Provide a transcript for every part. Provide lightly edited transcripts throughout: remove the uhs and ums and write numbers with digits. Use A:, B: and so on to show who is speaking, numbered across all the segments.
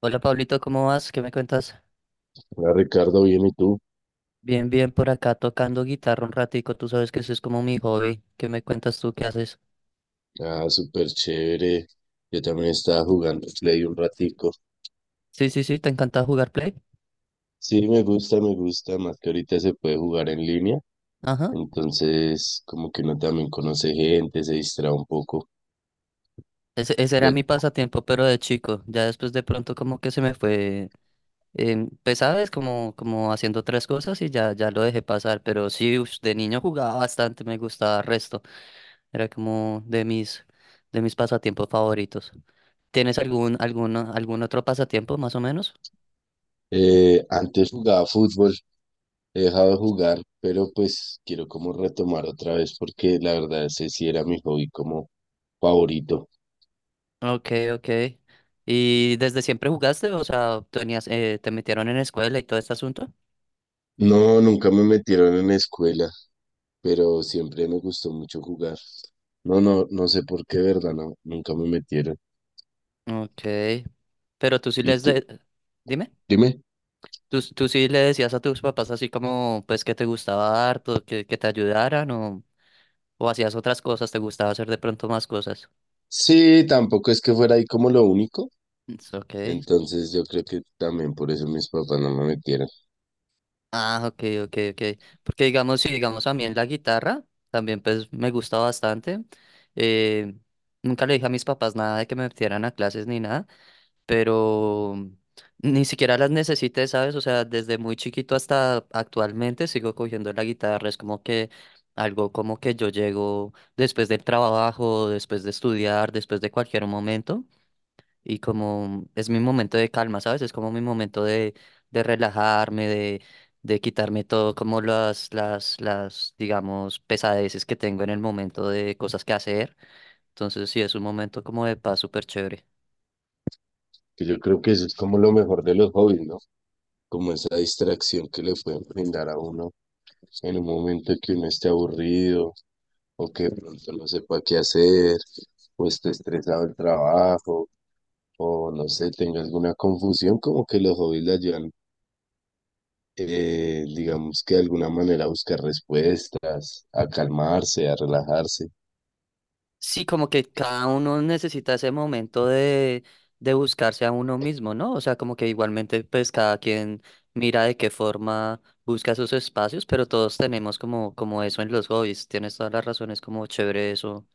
A: Hola Pablito, ¿cómo vas? ¿Qué me cuentas?
B: Hola Ricardo, bien, ¿y tú?
A: Bien, bien, por acá tocando guitarra un ratico, tú sabes que eso es como mi hobby. ¿Qué me cuentas tú? ¿Qué haces?
B: Ah, súper chévere. Yo también estaba jugando Play un ratico.
A: Sí, sí, sí, ¿te encanta jugar Play?
B: Sí, me gusta, más que ahorita se puede jugar en línea,
A: Ajá.
B: entonces como que uno también conoce gente, se distrae un poco.
A: Ese era
B: Ya,
A: mi pasatiempo, pero de chico. Ya después de pronto como que se me fue, pues sabes, como, haciendo otras cosas y ya lo dejé pasar. Pero sí, ush, de niño jugaba bastante, me gustaba resto. Era como de mis, pasatiempos favoritos. ¿Tienes algún otro pasatiempo más o menos?
B: antes jugaba fútbol, he dejado de jugar, pero pues quiero como retomar otra vez porque la verdad ese sí era mi hobby como favorito.
A: Ok, ok. ¿Y desde siempre jugaste? O sea, tenías, te metieron en escuela y todo este asunto.
B: No, nunca me metieron en escuela. Pero siempre me gustó mucho jugar. No sé por qué, ¿verdad? No, nunca me metieron.
A: Ok. Pero tú sí
B: ¿Y
A: les
B: tú?
A: de... Dime.
B: Dime.
A: ¿Tú sí le decías a tus papás así como, pues, que te gustaba harto, que te ayudaran o hacías otras cosas, te gustaba hacer de pronto más cosas?
B: Sí, tampoco es que fuera ahí como lo único.
A: It's Ok.
B: Entonces yo creo que también por eso mis papás no me metieron.
A: Ah, ok, ok, ok. Porque digamos, sí, digamos a mí en la guitarra también pues me gusta bastante. Eh, nunca le dije a mis papás nada de que me metieran a clases ni nada. Pero ni siquiera las necesité, ¿sabes? O sea, desde muy chiquito hasta actualmente sigo cogiendo la guitarra, es como que algo como que yo llego después del trabajo, después de estudiar, después de cualquier momento, y como es mi momento de calma, ¿sabes? Es como mi momento de, relajarme, de quitarme todo, como las, digamos, pesadeces que tengo en el momento de cosas que hacer. Entonces sí, es un momento como de paz súper chévere.
B: Que yo creo que eso es como lo mejor de los hobbies, ¿no? Como esa distracción que le pueden brindar a uno en un momento que uno esté aburrido, o que de pronto no sepa qué hacer, o esté estresado el trabajo, o no sé, tenga alguna confusión, como que los hobbies le ayudan, digamos que de alguna manera a buscar respuestas, a calmarse, a relajarse.
A: Sí, como que cada uno necesita ese momento de buscarse a uno mismo, ¿no? O sea, como que igualmente pues cada quien mira de qué forma busca sus espacios, pero todos tenemos como, como eso en los hobbies. Tienes todas las razones como chévere eso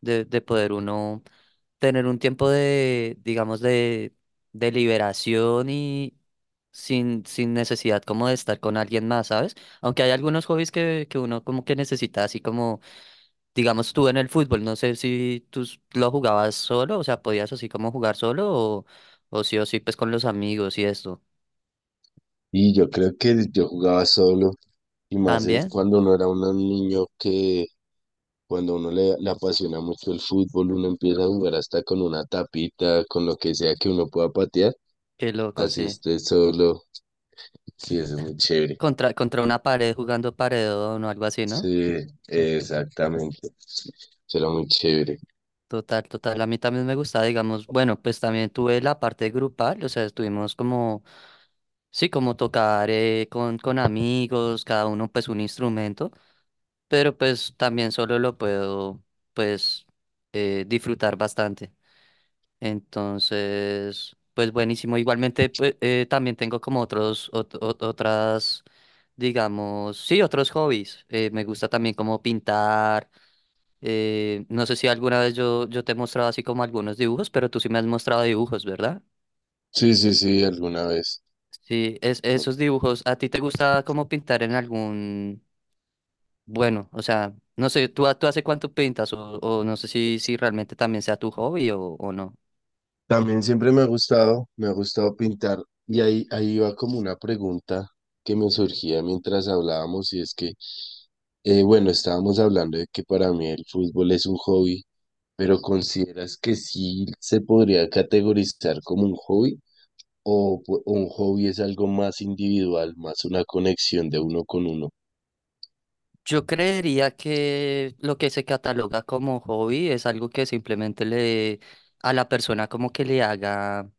A: de, poder uno tener un tiempo de, digamos, de, liberación y sin necesidad como de estar con alguien más, ¿sabes? Aunque hay algunos hobbies que uno como que necesita así como. Digamos tú en el fútbol, no sé si tú lo jugabas solo, o sea, podías así como jugar solo o sí pues con los amigos y esto.
B: Y yo creo que yo jugaba solo, y más
A: También,
B: cuando uno era un niño que... Cuando a uno le apasiona mucho el fútbol, uno empieza a jugar hasta con una tapita, con lo que sea que uno pueda patear.
A: qué loco,
B: Así
A: sí.
B: esté solo. Sí, eso es muy chévere.
A: Contra, contra una pared jugando paredón o algo así, ¿no?
B: Sí, exactamente. Será muy chévere.
A: Total, total. A mí también me gusta digamos, bueno, pues también tuve la parte grupal, o sea, estuvimos como, sí, como tocar con, amigos, cada uno pues un instrumento, pero pues también solo lo puedo pues disfrutar bastante. Entonces, pues buenísimo. Igualmente, pues, también tengo como otros, otras, digamos, sí, otros hobbies. Me gusta también como pintar. No sé si alguna vez yo te he mostrado así como algunos dibujos, pero tú sí me has mostrado dibujos, ¿verdad?
B: Sí, sí, sí, alguna vez.
A: Sí, esos dibujos, ¿a ti te gusta como pintar en algún, bueno, o sea, no sé, ¿tú hace cuánto pintas o no sé si realmente también sea tu hobby o no?
B: También siempre me ha gustado pintar. Y ahí iba como una pregunta que me surgía mientras hablábamos, y es que, bueno, estábamos hablando de que para mí el fútbol es un hobby, pero ¿consideras que sí se podría categorizar como un hobby? ¿O o un hobby es algo más individual, más una conexión de uno con uno?
A: Yo creería que lo que se cataloga como hobby es algo que simplemente le a la persona como que le haga,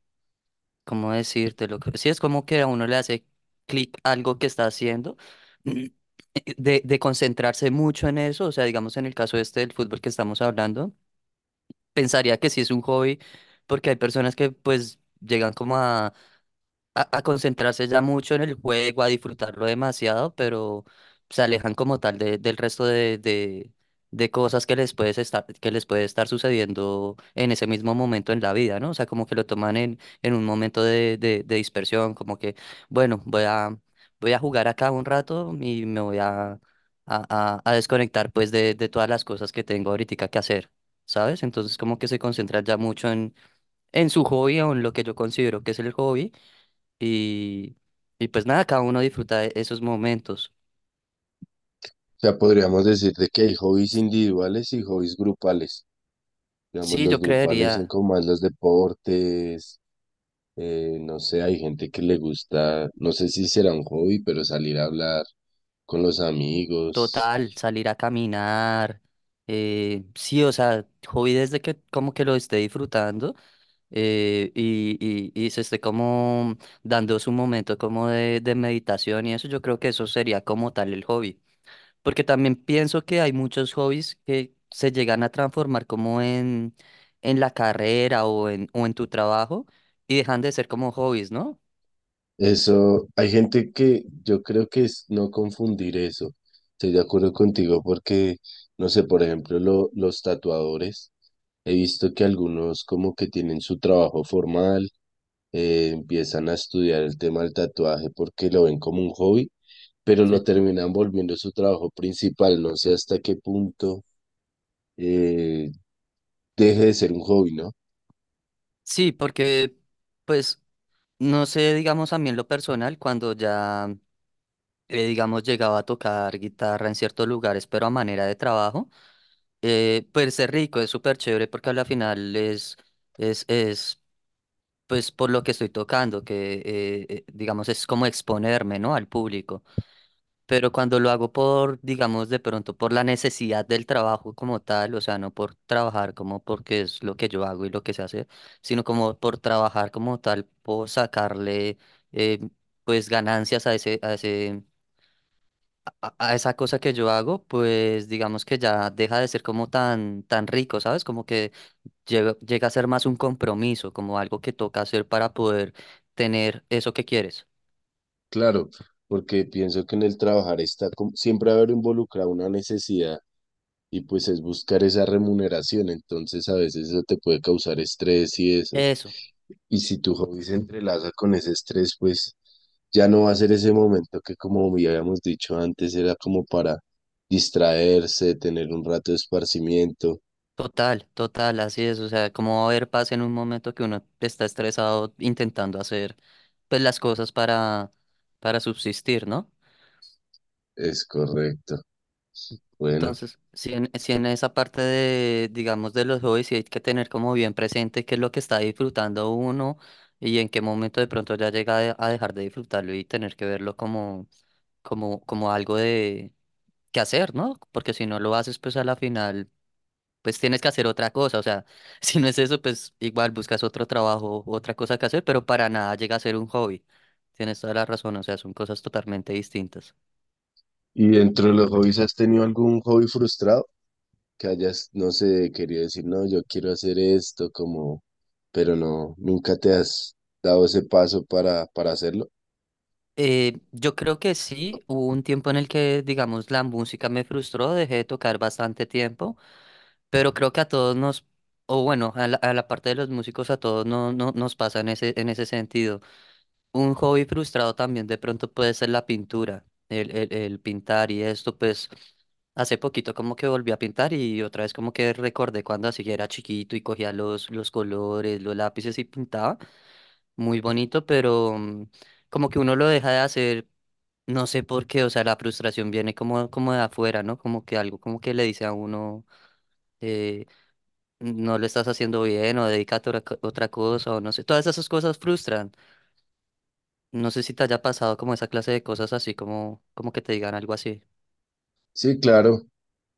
A: ¿cómo decírtelo? Sí, es como que a uno le hace clic algo que está haciendo, mm, de, concentrarse mucho en eso, o sea, digamos en el caso este del fútbol que estamos hablando, pensaría que sí es un hobby, porque hay personas que pues llegan como a, concentrarse ya mucho en el juego, a disfrutarlo demasiado, pero se alejan como tal del resto de cosas que les puedes estar, que les puede estar sucediendo en ese mismo momento en la vida, ¿no? O sea, como que lo toman en, un momento de dispersión, como que, bueno, voy a jugar acá un rato y me voy a, desconectar pues de todas las cosas que tengo ahorita que hacer. ¿Sabes? Entonces como que se concentran ya mucho en su hobby o en lo que yo considero que es el hobby y, y pues nada, cada uno disfruta de esos momentos.
B: O sea, podríamos decir de que hay hobbies individuales y hobbies grupales. Digamos,
A: Sí, yo
B: los grupales son
A: creería.
B: como más los deportes, no sé, hay gente que le gusta, no sé si será un hobby, pero salir a hablar con los amigos.
A: Total, salir a caminar. Sí, o sea, hobby desde que como que lo esté disfrutando y, se esté como dando su momento como de meditación y eso, yo creo que eso sería como tal el hobby. Porque también pienso que hay muchos hobbies que se llegan a transformar como en, la carrera o en tu trabajo y dejan de ser como hobbies, ¿no?
B: Eso, hay gente que yo creo que es no confundir eso. Estoy de acuerdo contigo porque, no sé, por ejemplo, los tatuadores, he visto que algunos como que tienen su trabajo formal, empiezan a estudiar el tema del tatuaje porque lo ven como un hobby, pero lo
A: Sí.
B: terminan volviendo su trabajo principal. No sé hasta qué punto eh, deje de ser un hobby, ¿no?
A: Sí, porque pues no sé, digamos a mí en lo personal, cuando ya digamos llegaba a tocar guitarra en ciertos lugares, pero a manera de trabajo, pues es rico, es súper chévere porque al final es pues por lo que estoy tocando, que digamos es como exponerme, ¿no? Al público. Pero cuando lo hago por, digamos, de pronto por la necesidad del trabajo como tal, o sea, no por trabajar como porque es lo que yo hago y lo que se hace, sino como por trabajar como tal, por sacarle eh, pues ganancias a esa cosa que yo hago, pues digamos que ya deja de ser como tan, tan rico, ¿sabes? Como que llega a ser más un compromiso, como algo que toca hacer para poder tener eso que quieres.
B: Claro, porque pienso que en el trabajar siempre va a haber involucrada una necesidad y pues es buscar esa remuneración, entonces a veces eso te puede causar estrés y eso.
A: Eso.
B: Y si tu hobby se entrelaza con ese estrés, pues ya no va a ser ese momento que como ya habíamos dicho antes era como para distraerse, tener un rato de esparcimiento.
A: Total, total, así es. O sea, como va a haber paz en un momento que uno está estresado intentando hacer pues las cosas para, subsistir, ¿no?
B: Es correcto. Bueno.
A: Entonces, si en esa parte de, digamos, de los hobbies, sí hay que tener como bien presente qué es lo que está disfrutando uno y en qué momento de pronto ya llega a dejar de disfrutarlo y tener que verlo como, como algo de que hacer, ¿no? Porque si no lo haces, pues a la final pues tienes que hacer otra cosa. O sea, si no es eso, pues igual buscas otro trabajo, otra cosa que hacer, pero para nada llega a ser un hobby. Tienes toda la razón, o sea, son cosas totalmente distintas.
B: ¿Y dentro de los hobbies has tenido algún hobby frustrado? Que hayas, no sé, querido decir, no, yo quiero hacer esto, como, pero no, nunca te has dado ese paso para hacerlo.
A: Yo creo que sí, hubo un tiempo en el que, digamos, la música me frustró, dejé de tocar bastante tiempo, pero creo que a todos nos, o bueno, a la, parte de los músicos, a todos no, no, nos pasa en ese sentido. Un hobby frustrado también de pronto puede ser la pintura, el pintar y esto, pues hace poquito como que volví a pintar y otra vez como que recordé cuando así era chiquito y cogía los, colores, los lápices y pintaba, muy bonito, pero como que uno lo deja de hacer, no sé por qué, o sea, la frustración viene como de afuera, ¿no? Como que algo como que le dice a uno, eh, no lo estás haciendo bien o dedícate a otra otra cosa o no sé, todas esas cosas frustran. No sé si te haya pasado como esa clase de cosas así como, que te digan algo así.
B: Sí, claro,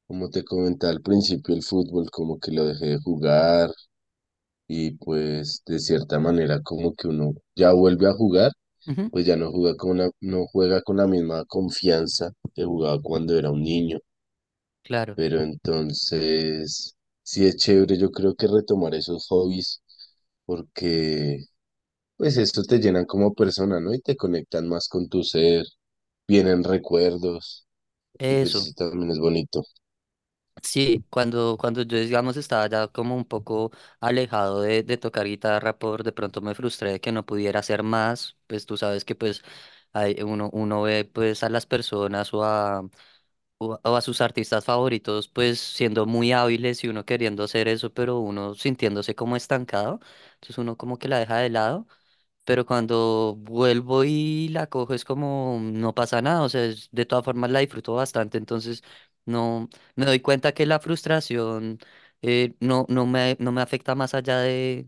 B: como te comentaba al principio, el fútbol, como que lo dejé de jugar, y pues de cierta manera como que uno ya vuelve a jugar,
A: Ujú.
B: pues ya no juega con no juega con la misma confianza que jugaba cuando era un niño,
A: Claro.
B: pero entonces sí es chévere yo creo que retomar esos hobbies porque pues esto te llenan como persona, ¿no? Y te conectan más con tu ser, vienen recuerdos y pues
A: Eso.
B: eso también es bonito.
A: Sí, cuando yo, digamos, estaba ya como un poco alejado de tocar guitarra, por de pronto me frustré de que no pudiera hacer más, pues tú sabes que pues hay, uno, uno ve pues a las personas o a, o, a o a sus artistas favoritos pues siendo muy hábiles y uno queriendo hacer eso, pero uno sintiéndose como estancado, entonces uno como que la deja de lado. Pero cuando vuelvo y la cojo es como no pasa nada, o sea, es- de todas formas la disfruto bastante, entonces no me doy cuenta que la frustración no, no me, no me afecta más allá de,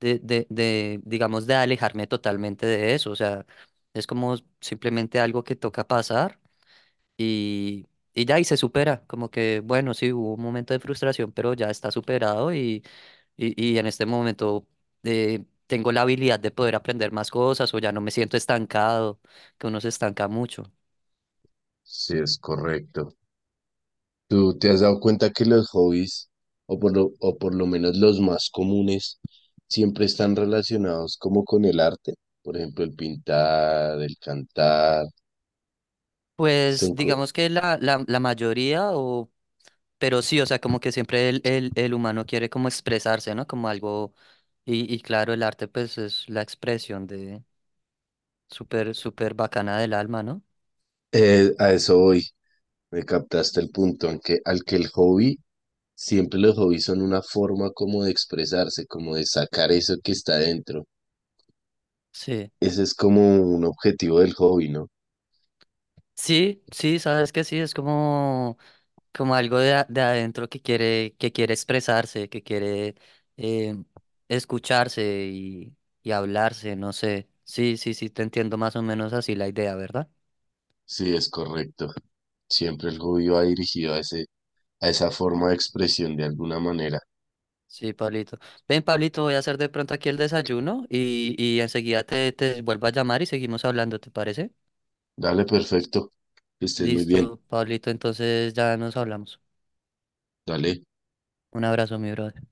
A: de, digamos, de alejarme totalmente de eso, o sea, es como simplemente algo que toca pasar y, y ya, y se supera, como que, bueno, sí, hubo un momento de frustración, pero ya está superado y en este momento tengo la habilidad de poder aprender más cosas o ya no me siento estancado, que uno se estanca mucho.
B: Sí, es correcto. ¿Tú te has dado cuenta que los hobbies, o por lo menos los más comunes, siempre están relacionados como con el arte? Por ejemplo, el pintar, el cantar.
A: Pues
B: Son, co-
A: digamos que la, la mayoría, o, pero sí, o sea, como que siempre el, el humano quiere como expresarse, ¿no? Como algo, y claro, el arte pues es la expresión de súper, súper bacana del alma, ¿no?
B: a eso voy. Me captaste el punto en que, al que el hobby, siempre los hobbies son una forma como de expresarse, como de sacar eso que está dentro.
A: Sí.
B: Ese es como un objetivo del hobby, ¿no?
A: Sí, sí, sabes que sí, es como... como algo de, de adentro que quiere, expresarse, que quiere eh, escucharse y hablarse, no sé. Sí, sí, sí, te entiendo más o menos así la idea, ¿verdad?
B: Sí, es correcto. Siempre el hobby va dirigido a ese, a esa forma de expresión de alguna manera.
A: Sí, Pablito. Ven, Pablito, voy a hacer de pronto aquí el desayuno y, enseguida te vuelvo a llamar y seguimos hablando, ¿te parece?
B: Dale, perfecto. Que estés muy bien.
A: Listo, Pablito, entonces ya nos hablamos.
B: Dale.
A: Un abrazo, mi brother.